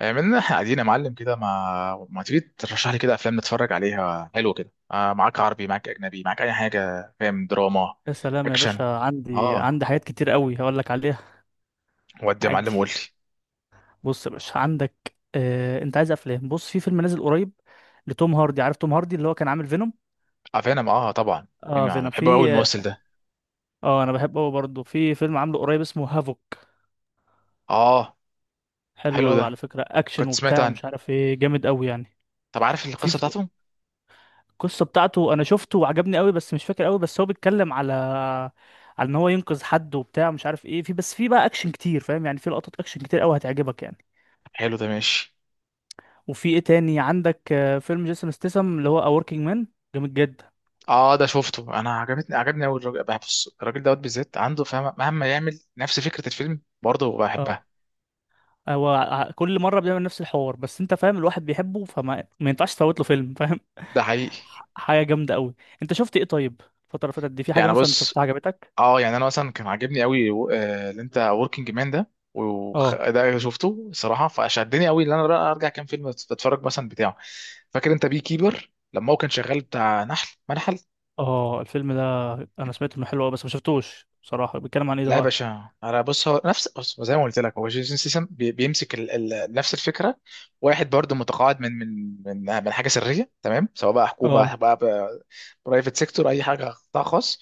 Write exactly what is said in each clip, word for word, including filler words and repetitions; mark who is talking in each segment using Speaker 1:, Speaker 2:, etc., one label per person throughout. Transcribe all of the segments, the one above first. Speaker 1: عملنا احنا قاعدين يا معلم كده، ما ما تيجي ترشح لي كده افلام نتفرج عليها؟ حلو كده. آه معاك عربي، معاك اجنبي، معاك اي حاجه. فاهم؟ دراما.
Speaker 2: يا سلام يا
Speaker 1: اكشن.
Speaker 2: باشا، عندي
Speaker 1: اه.
Speaker 2: عندي حاجات كتير قوي هقول لك عليها.
Speaker 1: ودي يا
Speaker 2: عادي.
Speaker 1: معلم قول لي.
Speaker 2: بص يا باشا عندك. آه... انت عايز افلام؟ بص، في فيلم نازل قريب لتوم هاردي. عارف توم هاردي اللي هو كان عامل فينوم؟
Speaker 1: افلام؟ اه طبعا. مين؟
Speaker 2: اه،
Speaker 1: ما أنا
Speaker 2: فينوم.
Speaker 1: بحب قوي
Speaker 2: في
Speaker 1: الممثل ده.
Speaker 2: اه انا بحبه قوي برضه. في فيلم عامله قريب اسمه هافوك.
Speaker 1: اه.
Speaker 2: حلو
Speaker 1: حلو
Speaker 2: قوي على
Speaker 1: ده،
Speaker 2: فكرة، اكشن
Speaker 1: كنت سمعت
Speaker 2: وبتاع
Speaker 1: عنه.
Speaker 2: ومش عارف ايه، جامد قوي يعني.
Speaker 1: طب عارف
Speaker 2: وفي
Speaker 1: القصه بتاعته؟
Speaker 2: القصة بتاعته انا شفته وعجبني قوي، بس مش فاكر قوي. بس هو بيتكلم على على ان هو ينقذ حد وبتاع مش عارف ايه. في بس في بقى اكشن كتير، فاهم يعني، في لقطات اكشن كتير قوي هتعجبك يعني.
Speaker 1: حلو ده، ماشي.
Speaker 2: وفي ايه تاني عندك؟ آه، فيلم جيسون ستيسم اللي هو A Working Man. جامد جدا.
Speaker 1: اه ده شفته انا، عجبتني، عجبني قوي الراجل. بص، الراجل دوت بالذات عنده فاهم مهما يعمل نفس فكره الفيلم، برضه
Speaker 2: اه،
Speaker 1: بحبها.
Speaker 2: هو ع- كل مرة بيعمل نفس الحوار، بس انت فاهم الواحد بيحبه، فما ما ينفعش تفوت له فيلم، فاهم.
Speaker 1: ده حقيقي.
Speaker 2: ح- حاجة جامدة قوي. انت شفت ايه طيب؟ الفترة اللي فاتت دي في حاجة
Speaker 1: يعني
Speaker 2: مثلا شفتها
Speaker 1: بص،
Speaker 2: عجبتك؟
Speaker 1: اه يعني انا مثلا كان عاجبني قوي آه، اللي انت وركينج مان ده. وخ-
Speaker 2: اه،
Speaker 1: ده شفته صراحه، فشدني قوي ان انا بقى ارجع كام فيلم اتفرج مثلا بتاعه. فاكر انت بي كيبر لما هو كان شغال بتاع نحل، منحل؟
Speaker 2: اه، الفيلم ده انا سمعت انه حلو قوي بس ما شفتوش بصراحة. بيتكلم عن ايه ده
Speaker 1: لا يا
Speaker 2: بقى؟
Speaker 1: باشا انا بص، هو نفس، بص زي ما قلت لك، هو جيسون سيسم بيمسك ال... ال... نفس الفكره. واحد برضه متقاعد من من من من حاجه سريه تمام، سواء بقى
Speaker 2: اه،
Speaker 1: حكومه، بقى برايفت سيكتور، اي حاجه قطاع خاص.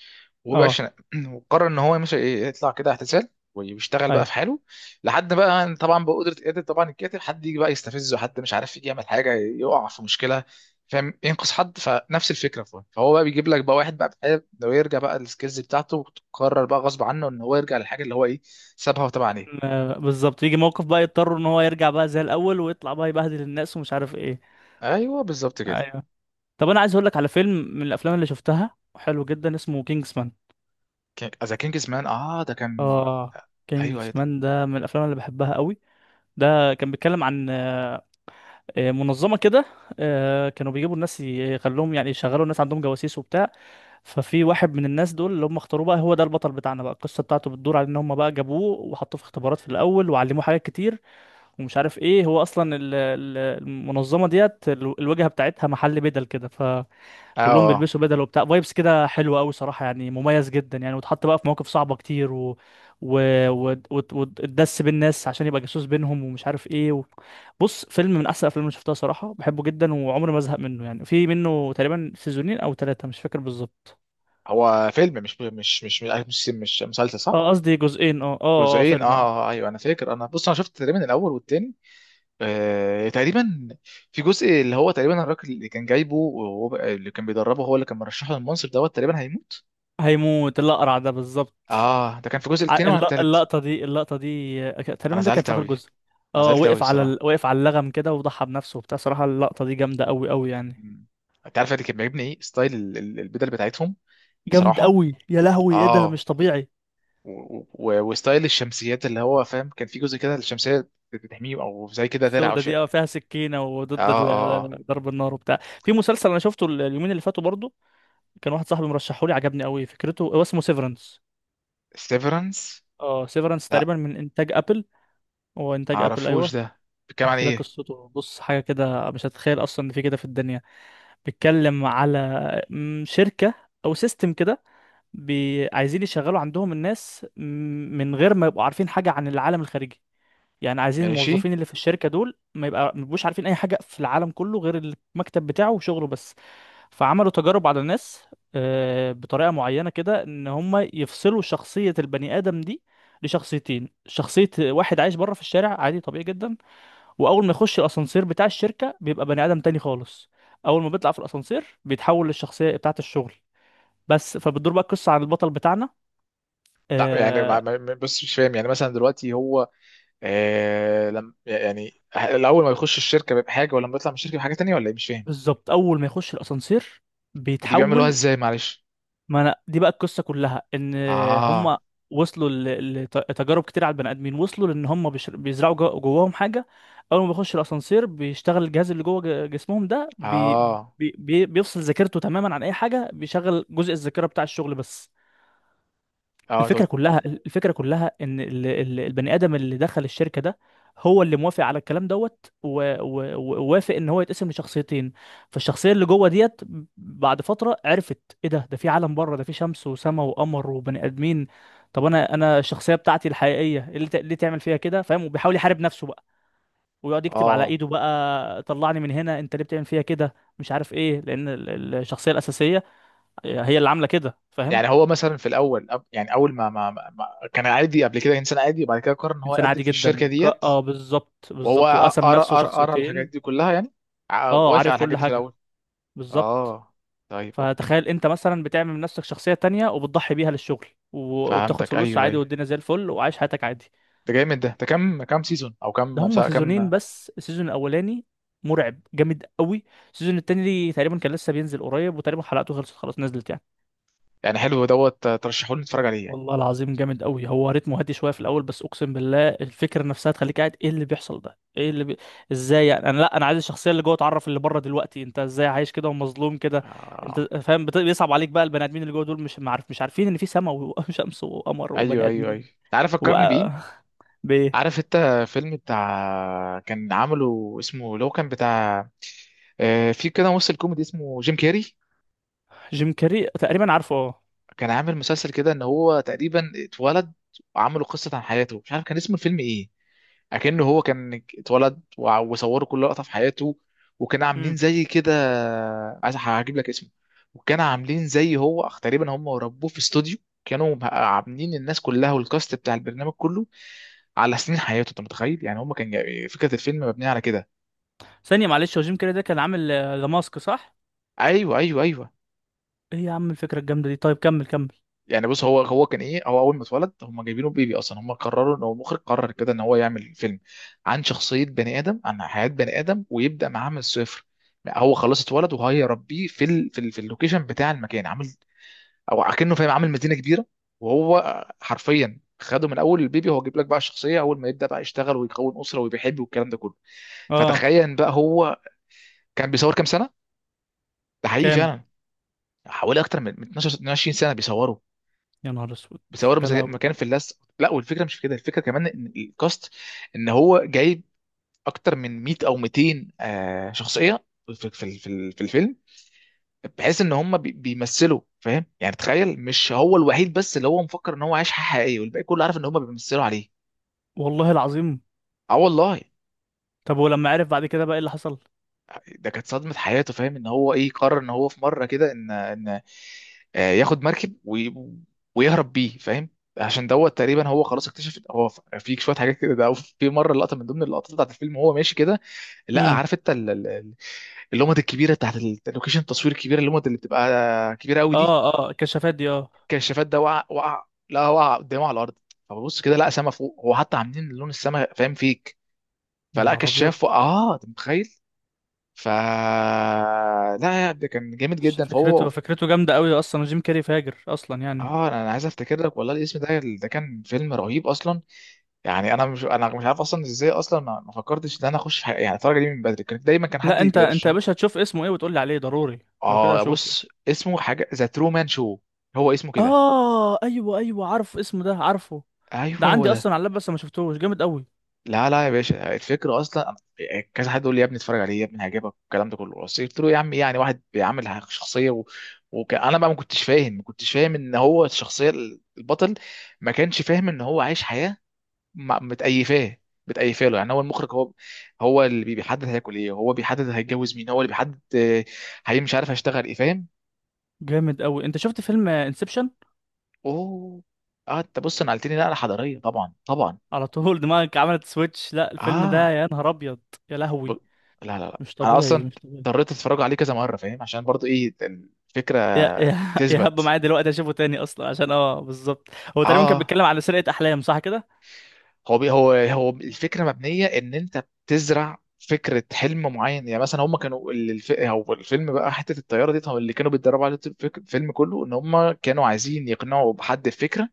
Speaker 2: اه،
Speaker 1: وباشا وقرر ان هو مش يطلع كده اعتزال ويشتغل بقى
Speaker 2: ايوه.
Speaker 1: في حاله، لحد بقى طبعا بقدره، قادر طبعا الكاتب حد يجي بقى يستفزه، حد مش عارف يجي يعمل حاجه، يقع في مشكله، فاهم، ينقذ حد. فنفس الفكره. فهو فهو بقى بيجيب لك بقى واحد بقى بحاله لو يرجع بقى السكيلز بتاعته، وتقرر بقى غصب عنه ان هو يرجع للحاجه اللي هو ايه، سابها وتابع عليها.
Speaker 2: كان- آه، بالظبط، يجي موقف بقى يضطر ان هو يرجع بقى زي الاول ويطلع بقى يبهدل الناس ومش عارف ايه.
Speaker 1: ايوه بالظبط كده.
Speaker 2: ايوه. طب انا عايز اقول لك على فيلم من الافلام اللي شفتها حلو جدا، اسمه كينجز مان.
Speaker 1: ذا كينجز مان، اه ده كان.
Speaker 2: اه،
Speaker 1: ايوه ايوه
Speaker 2: كينجز
Speaker 1: ده.
Speaker 2: مان ده من الافلام اللي بحبها قوي. ده كان بيتكلم عن آه، منظمه كده. آه، كانوا بيجيبوا الناس يخلوهم يعني يشغلوا الناس عندهم جواسيس وبتاع. ففي واحد من الناس دول اللي هم اختاروه بقى هو ده البطل بتاعنا بقى. القصه بتاعته بتدور على ان هم بقى جابوه وحطوه في اختبارات في الاول وعلموه حاجات كتير. ومش عارف ايه، هو اصلا ال- ال- المنظمه ديت ال- الواجهه بتاعتها محل بدل كده. ف كلهم
Speaker 1: اه،
Speaker 2: بيلبسوا بدل وبتاع، فايبس كده حلوه قوي صراحه يعني، مميز جدا يعني. واتحط بقى في مواقف صعبه كتير و و و- وت- وتدس بين الناس عشان يبقى جاسوس بينهم ومش عارف ايه و... بص، فيلم من احسن الافلام اللي شفتها صراحه، بحبه جدا وعمري ما ازهق منه يعني. في منه تقريبا سيزونين او ثلاثه، مش فاكر بالظبط.
Speaker 1: هو فيلم مش مش مش مش, مش مسلسل، صح؟
Speaker 2: اه، قصدي جزئين. اه، اه، اه،
Speaker 1: جزئين اه.
Speaker 2: فيلم، اه.
Speaker 1: آه، آه، ايوه انا فاكر. انا بص انا شفت تقريبا الاول والتاني، آه تقريبا. في جزء اللي هو تقريبا الراجل اللي كان جايبه وهو اللي كان بيدربه، هو اللي كان مرشحه للمنصب دوت، تقريبا هيموت.
Speaker 2: هيموت الاقرع ده بالظبط.
Speaker 1: اه ده كان في الجزء
Speaker 2: ع-
Speaker 1: التاني ولا
Speaker 2: الل-
Speaker 1: التالت؟
Speaker 2: اللقطه دي اللقطه دي. آه، ك-
Speaker 1: انا
Speaker 2: تقريبا ده كان
Speaker 1: زعلت
Speaker 2: في اخر
Speaker 1: قوي.
Speaker 2: جزء.
Speaker 1: انا
Speaker 2: اه،
Speaker 1: زعلت قوي
Speaker 2: وقف على ال...
Speaker 1: الصراحه.
Speaker 2: وقف على اللغم كده وضحى بنفسه وبتاع صراحه. اللقطه دي جامده قوي قوي يعني.
Speaker 1: مم. انت عارف اللي كان بيعجبني ايه؟ ستايل ال- ال- البدل بتاعتهم.
Speaker 2: جامد
Speaker 1: صراحه
Speaker 2: قوي يا لهوي، ايه ده
Speaker 1: اه.
Speaker 2: مش طبيعي!
Speaker 1: و- و- وستايل الشمسيات، اللي هو فاهم كان في جزء كده الشمسيه بتحميه او زي كده درع او
Speaker 2: السودة دي،
Speaker 1: شيء.
Speaker 2: اه، فيها سكينة
Speaker 1: اه
Speaker 2: وضد
Speaker 1: اه اه
Speaker 2: ال- ضرب النار وبتاع. في مسلسل انا شفته ال- اليومين اللي فاتوا برضو. كان واحد صاحبي مرشحه لي، عجبني قوي فكرته، هو اسمه سيفرنس.
Speaker 1: سيفرنس.
Speaker 2: اه، سيفرنس
Speaker 1: لا
Speaker 2: تقريبا من انتاج ابل. هو
Speaker 1: ما
Speaker 2: انتاج ابل،
Speaker 1: اعرفوش
Speaker 2: ايوه.
Speaker 1: ده، بيتكلم عن
Speaker 2: احكي لك
Speaker 1: ايه؟
Speaker 2: قصته. بص، حاجة كده مش هتتخيل اصلا ان في كده في الدنيا. بيتكلم على م، شركة او سيستم كده. بي... عايزين يشغلوا عندهم الناس م، من غير ما يبقوا عارفين حاجة عن العالم الخارجي. يعني عايزين
Speaker 1: ماشي.
Speaker 2: الموظفين اللي في الشركه دول ما يبقى ما يبقوش عارفين اي حاجه في العالم كله غير المكتب بتاعه وشغله بس. فعملوا تجارب على الناس. آه، بطريقه معينه كده ان هم يفصلوا شخصيه البني ادم دي لشخصيتين. شخصيه واحد عايش بره في الشارع عادي طبيعي جدا. واول ما يخش الاسانسير بتاع الشركه بيبقى بني ادم تاني خالص. اول ما بيطلع في الاسانسير بيتحول للشخصيه بتاعه الشغل بس. فبتدور بقى القصه عن البطل بتاعنا.
Speaker 1: لا يعني ما
Speaker 2: آه
Speaker 1: ما- ما- بص مش فاهم، يعني مثلا دلوقتي هو، آه لم، يعني الاول ما بيخش الشركه بحاجه، ولما بيطلع من الشركه بحاجه تانية ولا ايه؟ مش فاهم.
Speaker 2: بالظبط، اول ما يخش الاسانسير
Speaker 1: ودي بيعملوها
Speaker 2: بيتحول.
Speaker 1: ازاي معلش؟
Speaker 2: ما انا دي بقى القصه كلها، ان
Speaker 1: اه
Speaker 2: هم وصلوا ل- لتجارب كتير على البني ادمين. وصلوا لان هم بيش- بيزرعوا جو- جواهم حاجه. اول ما بيخش الاسانسير بيشتغل الجهاز اللي جوه ج- جسمهم ده بي
Speaker 1: اه
Speaker 2: بي بي- بيفصل ذاكرته تماما عن اي حاجه، بيشغل جزء الذاكره بتاع الشغل بس.
Speaker 1: اه تقول.
Speaker 2: الفكرة كلها الفكرة كلها ان ال- ال- البني ادم اللي دخل الشركة ده هو اللي موافق على الكلام دوت، و- و- ووافق ان هو يتقسم لشخصيتين. فالشخصية اللي جوه ديت بعد فترة عرفت، ايه ده؟ ده في عالم بره، ده في شمس وسماء وقمر وبني ادمين. طب انا انا الشخصية بتاعتي الحقيقية إيه، اللي ت- ليه تعمل فيها كده فاهم؟ وبيحاول يحارب نفسه بقى، ويقعد يكتب على
Speaker 1: اه
Speaker 2: ايده بقى: طلعني من هنا، انت ليه بتعمل فيها كده مش عارف ايه، لان ال- ال- الشخصية الأساسية هي اللي عاملة كده فاهم.
Speaker 1: يعني هو مثلا في الاول أب- يعني اول ما, ما, ما ما- كان عادي قبل كده، انسان عادي، وبعد كده قرر ان هو
Speaker 2: انسان
Speaker 1: يقدم
Speaker 2: عادي
Speaker 1: في
Speaker 2: جدا
Speaker 1: الشركه
Speaker 2: ك...
Speaker 1: ديت.
Speaker 2: اه بالظبط
Speaker 1: وهو
Speaker 2: بالظبط،
Speaker 1: قرا
Speaker 2: وقسم نفسه
Speaker 1: قرا قرا الحاجات
Speaker 2: شخصيتين.
Speaker 1: دي كلها يعني، ع-
Speaker 2: اه،
Speaker 1: وافق على
Speaker 2: عارف كل
Speaker 1: الحاجات دي في
Speaker 2: حاجه،
Speaker 1: الاول.
Speaker 2: بالظبط.
Speaker 1: اه طيب اوكي.
Speaker 2: فتخيل انت مثلا بتعمل من نفسك شخصيه تانية وبتضحي بيها للشغل و... وبتاخد
Speaker 1: فهمتك
Speaker 2: فلوس
Speaker 1: ايوه
Speaker 2: عادي،
Speaker 1: ايوه.
Speaker 2: والدنيا زي الفل وعايش حياتك عادي.
Speaker 1: ده جامد. ده ده كام كام سيزون او
Speaker 2: ده
Speaker 1: كام
Speaker 2: هم
Speaker 1: بتاع- كام؟
Speaker 2: سيزونين بس السيزون الاولاني مرعب جامد قوي. السيزون التاني تقريبا كان لسه بينزل قريب، وتقريبا حلقته خلصت خلاص نزلت يعني.
Speaker 1: يعني حلو دوت، ترشحوا لي نتفرج عليه يعني.
Speaker 2: والله العظيم جامد قوي، هو رتمه هادي شويه في الاول بس اقسم بالله الفكره نفسها تخليك قاعد ايه اللي بيحصل ده ايه اللي بي... ازاي يعني؟ انا، لا، انا عايز الشخصيه اللي جوه تعرف اللي بره دلوقتي، انت ازاي عايش كده ومظلوم كده. انت
Speaker 1: آه.
Speaker 2: فاهم بت... بيصعب عليك بقى. البني ادمين اللي جوه دول مش معرف مش عارفين ان في سماء وشمس وقمر وبني
Speaker 1: ايوه ايوه
Speaker 2: ادمين.
Speaker 1: ايوه، تعرف
Speaker 2: و
Speaker 1: فكرني بايه؟
Speaker 2: ب
Speaker 1: عارف انت فيلم بتاع كان عامله اسمه، لو كان بتاع آه، في كده ممثل كوميدي اسمه جيم كيري،
Speaker 2: جيم كاري تقريبا، عارفه، اه.
Speaker 1: كان عامل مسلسل كده ان هو تقريبا اتولد، وعملوا قصة عن حياته. مش عارف كان اسم الفيلم ايه. اكنه هو كان اتولد وع- وصوروا كل لقطة في حياته، وكانوا عاملين
Speaker 2: امم.
Speaker 1: زي كده. عايز هجيب لك اسمه. وكانوا عاملين زي هو تقريبا هم ربوه في استوديو. كانوا عاملين الناس كلها والكاست بتاع البرنامج كله على سنين حياته. انت متخيل؟ يعني هم كان جاي- فكره الفيلم مبنيه على كده.
Speaker 2: ثانيه معلش، هو جيم كاري ده كان عامل آه، ذا ماسك، صح؟
Speaker 1: ايوه ايوه ايوه.
Speaker 2: ايه يا عم الفكره الجامده دي! طيب كمل كمل.
Speaker 1: يعني بص، هو هو كان ايه، هو اول ما اتولد هم جايبينه بيبي اصلا. هم قرروا ان هو، المخرج قرر كده ان هو يعمل فيلم عن شخصيه بني ادم، عن حياه بني ادم، ويبدا معاه من الصفر. هو خلاص اتولد وهيربيه في ال... في, ال... في اللوكيشن بتاع المكان، عامل او اكنه فاهم عامل مدينه كبيره. وهو حرفيا خده من اول البيبي، هو جايب لك بقى الشخصيه اول ما يبدا بقى يشتغل ويكون اسره وبيحب والكلام ده كله.
Speaker 2: اه.
Speaker 1: فتخيل بقى، هو كان بيصور كام سنه. ده حقيقي
Speaker 2: كام؟
Speaker 1: فعلا. حوالي اكتر من من اثنا عشر اتنين وعشرين سنه بيصوروا.
Speaker 2: يا نهار اسود!
Speaker 1: بيصوروا
Speaker 2: يا
Speaker 1: مزا-
Speaker 2: لهوي!
Speaker 1: مكان في اللزق. لا والفكره مش في كده، الفكره كمان ان الكاست، ان هو جايب اكتر من ميه او ميتين آه، شخصيه في في في في الفيلم، بحيث ان هم بي- بيمثلوا. فاهم يعني؟ تخيل، مش هو الوحيد بس اللي هو مفكر ان هو عايش حياه حقيقيه، والباقي كله عارف ان هم بيمثلوا عليه.
Speaker 2: والله العظيم.
Speaker 1: اه والله.
Speaker 2: طب ولما عرف بعد كده بقى ايه اللي حصل؟
Speaker 1: ده كانت صدمة حياته، فاهم. ان هو ايه، قرر ان هو في مرة كده ان ان آه، ياخد مركب وي- ويهرب بيه، فاهم. عشان دوت تقريبا هو خلاص اكتشف. هو ف- في شويه حاجات كده، ده في مره لقطه من ضمن اللقطات بتاعت الفيلم وهو ماشي كده، لا
Speaker 2: امم.
Speaker 1: عارف انت ال- ال- ال- اللومات الكبيره بتاعت ال- اللوكيشن، التصوير الكبيره، اللومات اللي بتبقى كبيره قوي دي،
Speaker 2: اه، اه، الكشافات دي، اه.
Speaker 1: الكشافات ده، وقع. وقع لا، وقع قدامه على الارض. فببص كده، لا سما فوق، هو حتى عاملين لون السما فاهم فيك.
Speaker 2: يا
Speaker 1: فلا،
Speaker 2: نهار ابيض!
Speaker 1: كشاف وقع. اه انت متخيل. ف لا يعني، ده كان جامد جدا فهو.
Speaker 2: فكرته فكرته جامده قوي اصلا، جيم كاري فاجر اصلا يعني.
Speaker 1: اه انا أنا عايز افتكر لك والله الاسم ده، ده كان فيلم رهيب اصلا. يعني انا مش انا مش عارف اصلا ازاي، اصلا ما ما فكرتش ان انا اخش حاجة، يعني الفرجه دي من بدري كانت دايما كان حد
Speaker 2: لا، انت انت يا
Speaker 1: بيرشحها.
Speaker 2: باشا هتشوف اسمه ايه وتقول لي عليه ضروري. لو كده
Speaker 1: اه
Speaker 2: هشوفه.
Speaker 1: بص، اسمه حاجه ذا ترومان شو. هو اسمه كده.
Speaker 2: اه، ايوه، ايوه، عارف اسمه ده، عارفه.
Speaker 1: ايوه
Speaker 2: ده
Speaker 1: هو
Speaker 2: عندي
Speaker 1: ده.
Speaker 2: اصلا على اللاب بس ما شفتهوش، جامد قوي.
Speaker 1: لا لا يا باشا، الفكرة أصلا كذا حد يقول لي يا ابني اتفرج عليه يا ابني هيعجبك والكلام ده كله، بس قلت له يا عم إيه يعني، واحد بيعمل شخصية و... وأنا بقى ما كنتش فاهم ما كنتش فاهم إن هو الشخصية البطل، ما كانش فاهم إن هو عايش حياة. ما- متأيفاه، متأيفاه له. يعني هو المخرج هو هو اللي بي- بيحدد هياكل إيه، هو بيحدد هيتجوز مين، هو اللي بيحدد آه، هي مش عارف هيشتغل إيه، فاهم.
Speaker 2: جامد قوي، انت شفت فيلم انسبشن؟
Speaker 1: أوه. أه أنت بص نقلتني نقلة حضارية، طبعا طبعا.
Speaker 2: على طول دماغك عملت سويتش، لا الفيلم ده
Speaker 1: آه.
Speaker 2: يا نهار ابيض! يا
Speaker 1: ب...
Speaker 2: لهوي!
Speaker 1: لا لا لا
Speaker 2: مش
Speaker 1: انا
Speaker 2: طبيعي،
Speaker 1: اصلا
Speaker 2: مش طبيعي.
Speaker 1: اضطريت اتفرج عليه كذا مره فاهم، عشان برضو ايه، الفكره
Speaker 2: يا يا يا هب
Speaker 1: تثبت.
Speaker 2: معايا دلوقتي اشوفه تاني اصلا عشان اه بالظبط. هو تقريبا كان
Speaker 1: اه،
Speaker 2: بيتكلم على سرقة احلام، صح كده؟
Speaker 1: هو بي هو هو الفكره مبنيه ان انت بتزرع فكره حلم معين. يعني مثلا هم كانوا ال- الف... هو الفيلم بقى حته الطياره دي، طب اللي كانوا بيتدربوا على الفيلم كله ان هم كانوا عايزين يقنعوا بحد الفكره،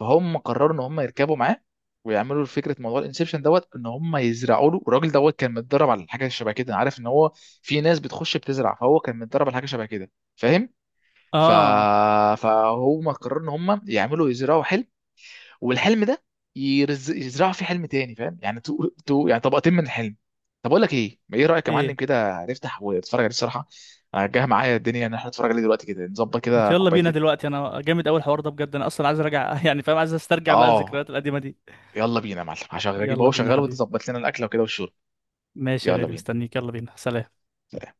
Speaker 1: فهم قرروا ان هم يركبوا معاه، ويعملوا فكره موضوع الانسبشن دوت، ان هم يزرعوا له. الراجل دوت كان متدرب على حاجه شبه كده، عارف ان هو في ناس بتخش بتزرع، فهو كان متدرب على حاجه شبه كده، فاهم. ف...
Speaker 2: اه.
Speaker 1: فهم قرروا ان هم يعملوا يزرعوا حلم، والحلم ده يرز... يزرعوا فيه حلم تاني فاهم. يعني تو... تو... يعني طبقتين من الحلم. طب اقول لك ايه، ما ايه رايك يا معلم
Speaker 2: ايه؟
Speaker 1: كده نفتح ونتفرج عليه الصراحه. أنا جاي معايا الدنيا ان احنا نتفرج عليه دلوقتي كده، نظبط
Speaker 2: ما
Speaker 1: كده
Speaker 2: يلا بينا
Speaker 1: كوبايتين.
Speaker 2: دلوقتي، انا جامد اول حوار ده بجد، انا اصلا عايز ارجع يعني فاهم، عايز استرجع بقى
Speaker 1: اه.
Speaker 2: الذكريات القديمة دي.
Speaker 1: يلا بينا يا معلم، هشغل اجيب
Speaker 2: يلا
Speaker 1: اهو
Speaker 2: بينا
Speaker 1: شغال وانت
Speaker 2: حبيبي.
Speaker 1: ظبط لنا الاكله وكده والشرب.
Speaker 2: ماشي يا
Speaker 1: يلا
Speaker 2: غالي،
Speaker 1: بينا
Speaker 2: مستنيك، يلا بينا، سلام.
Speaker 1: سلام.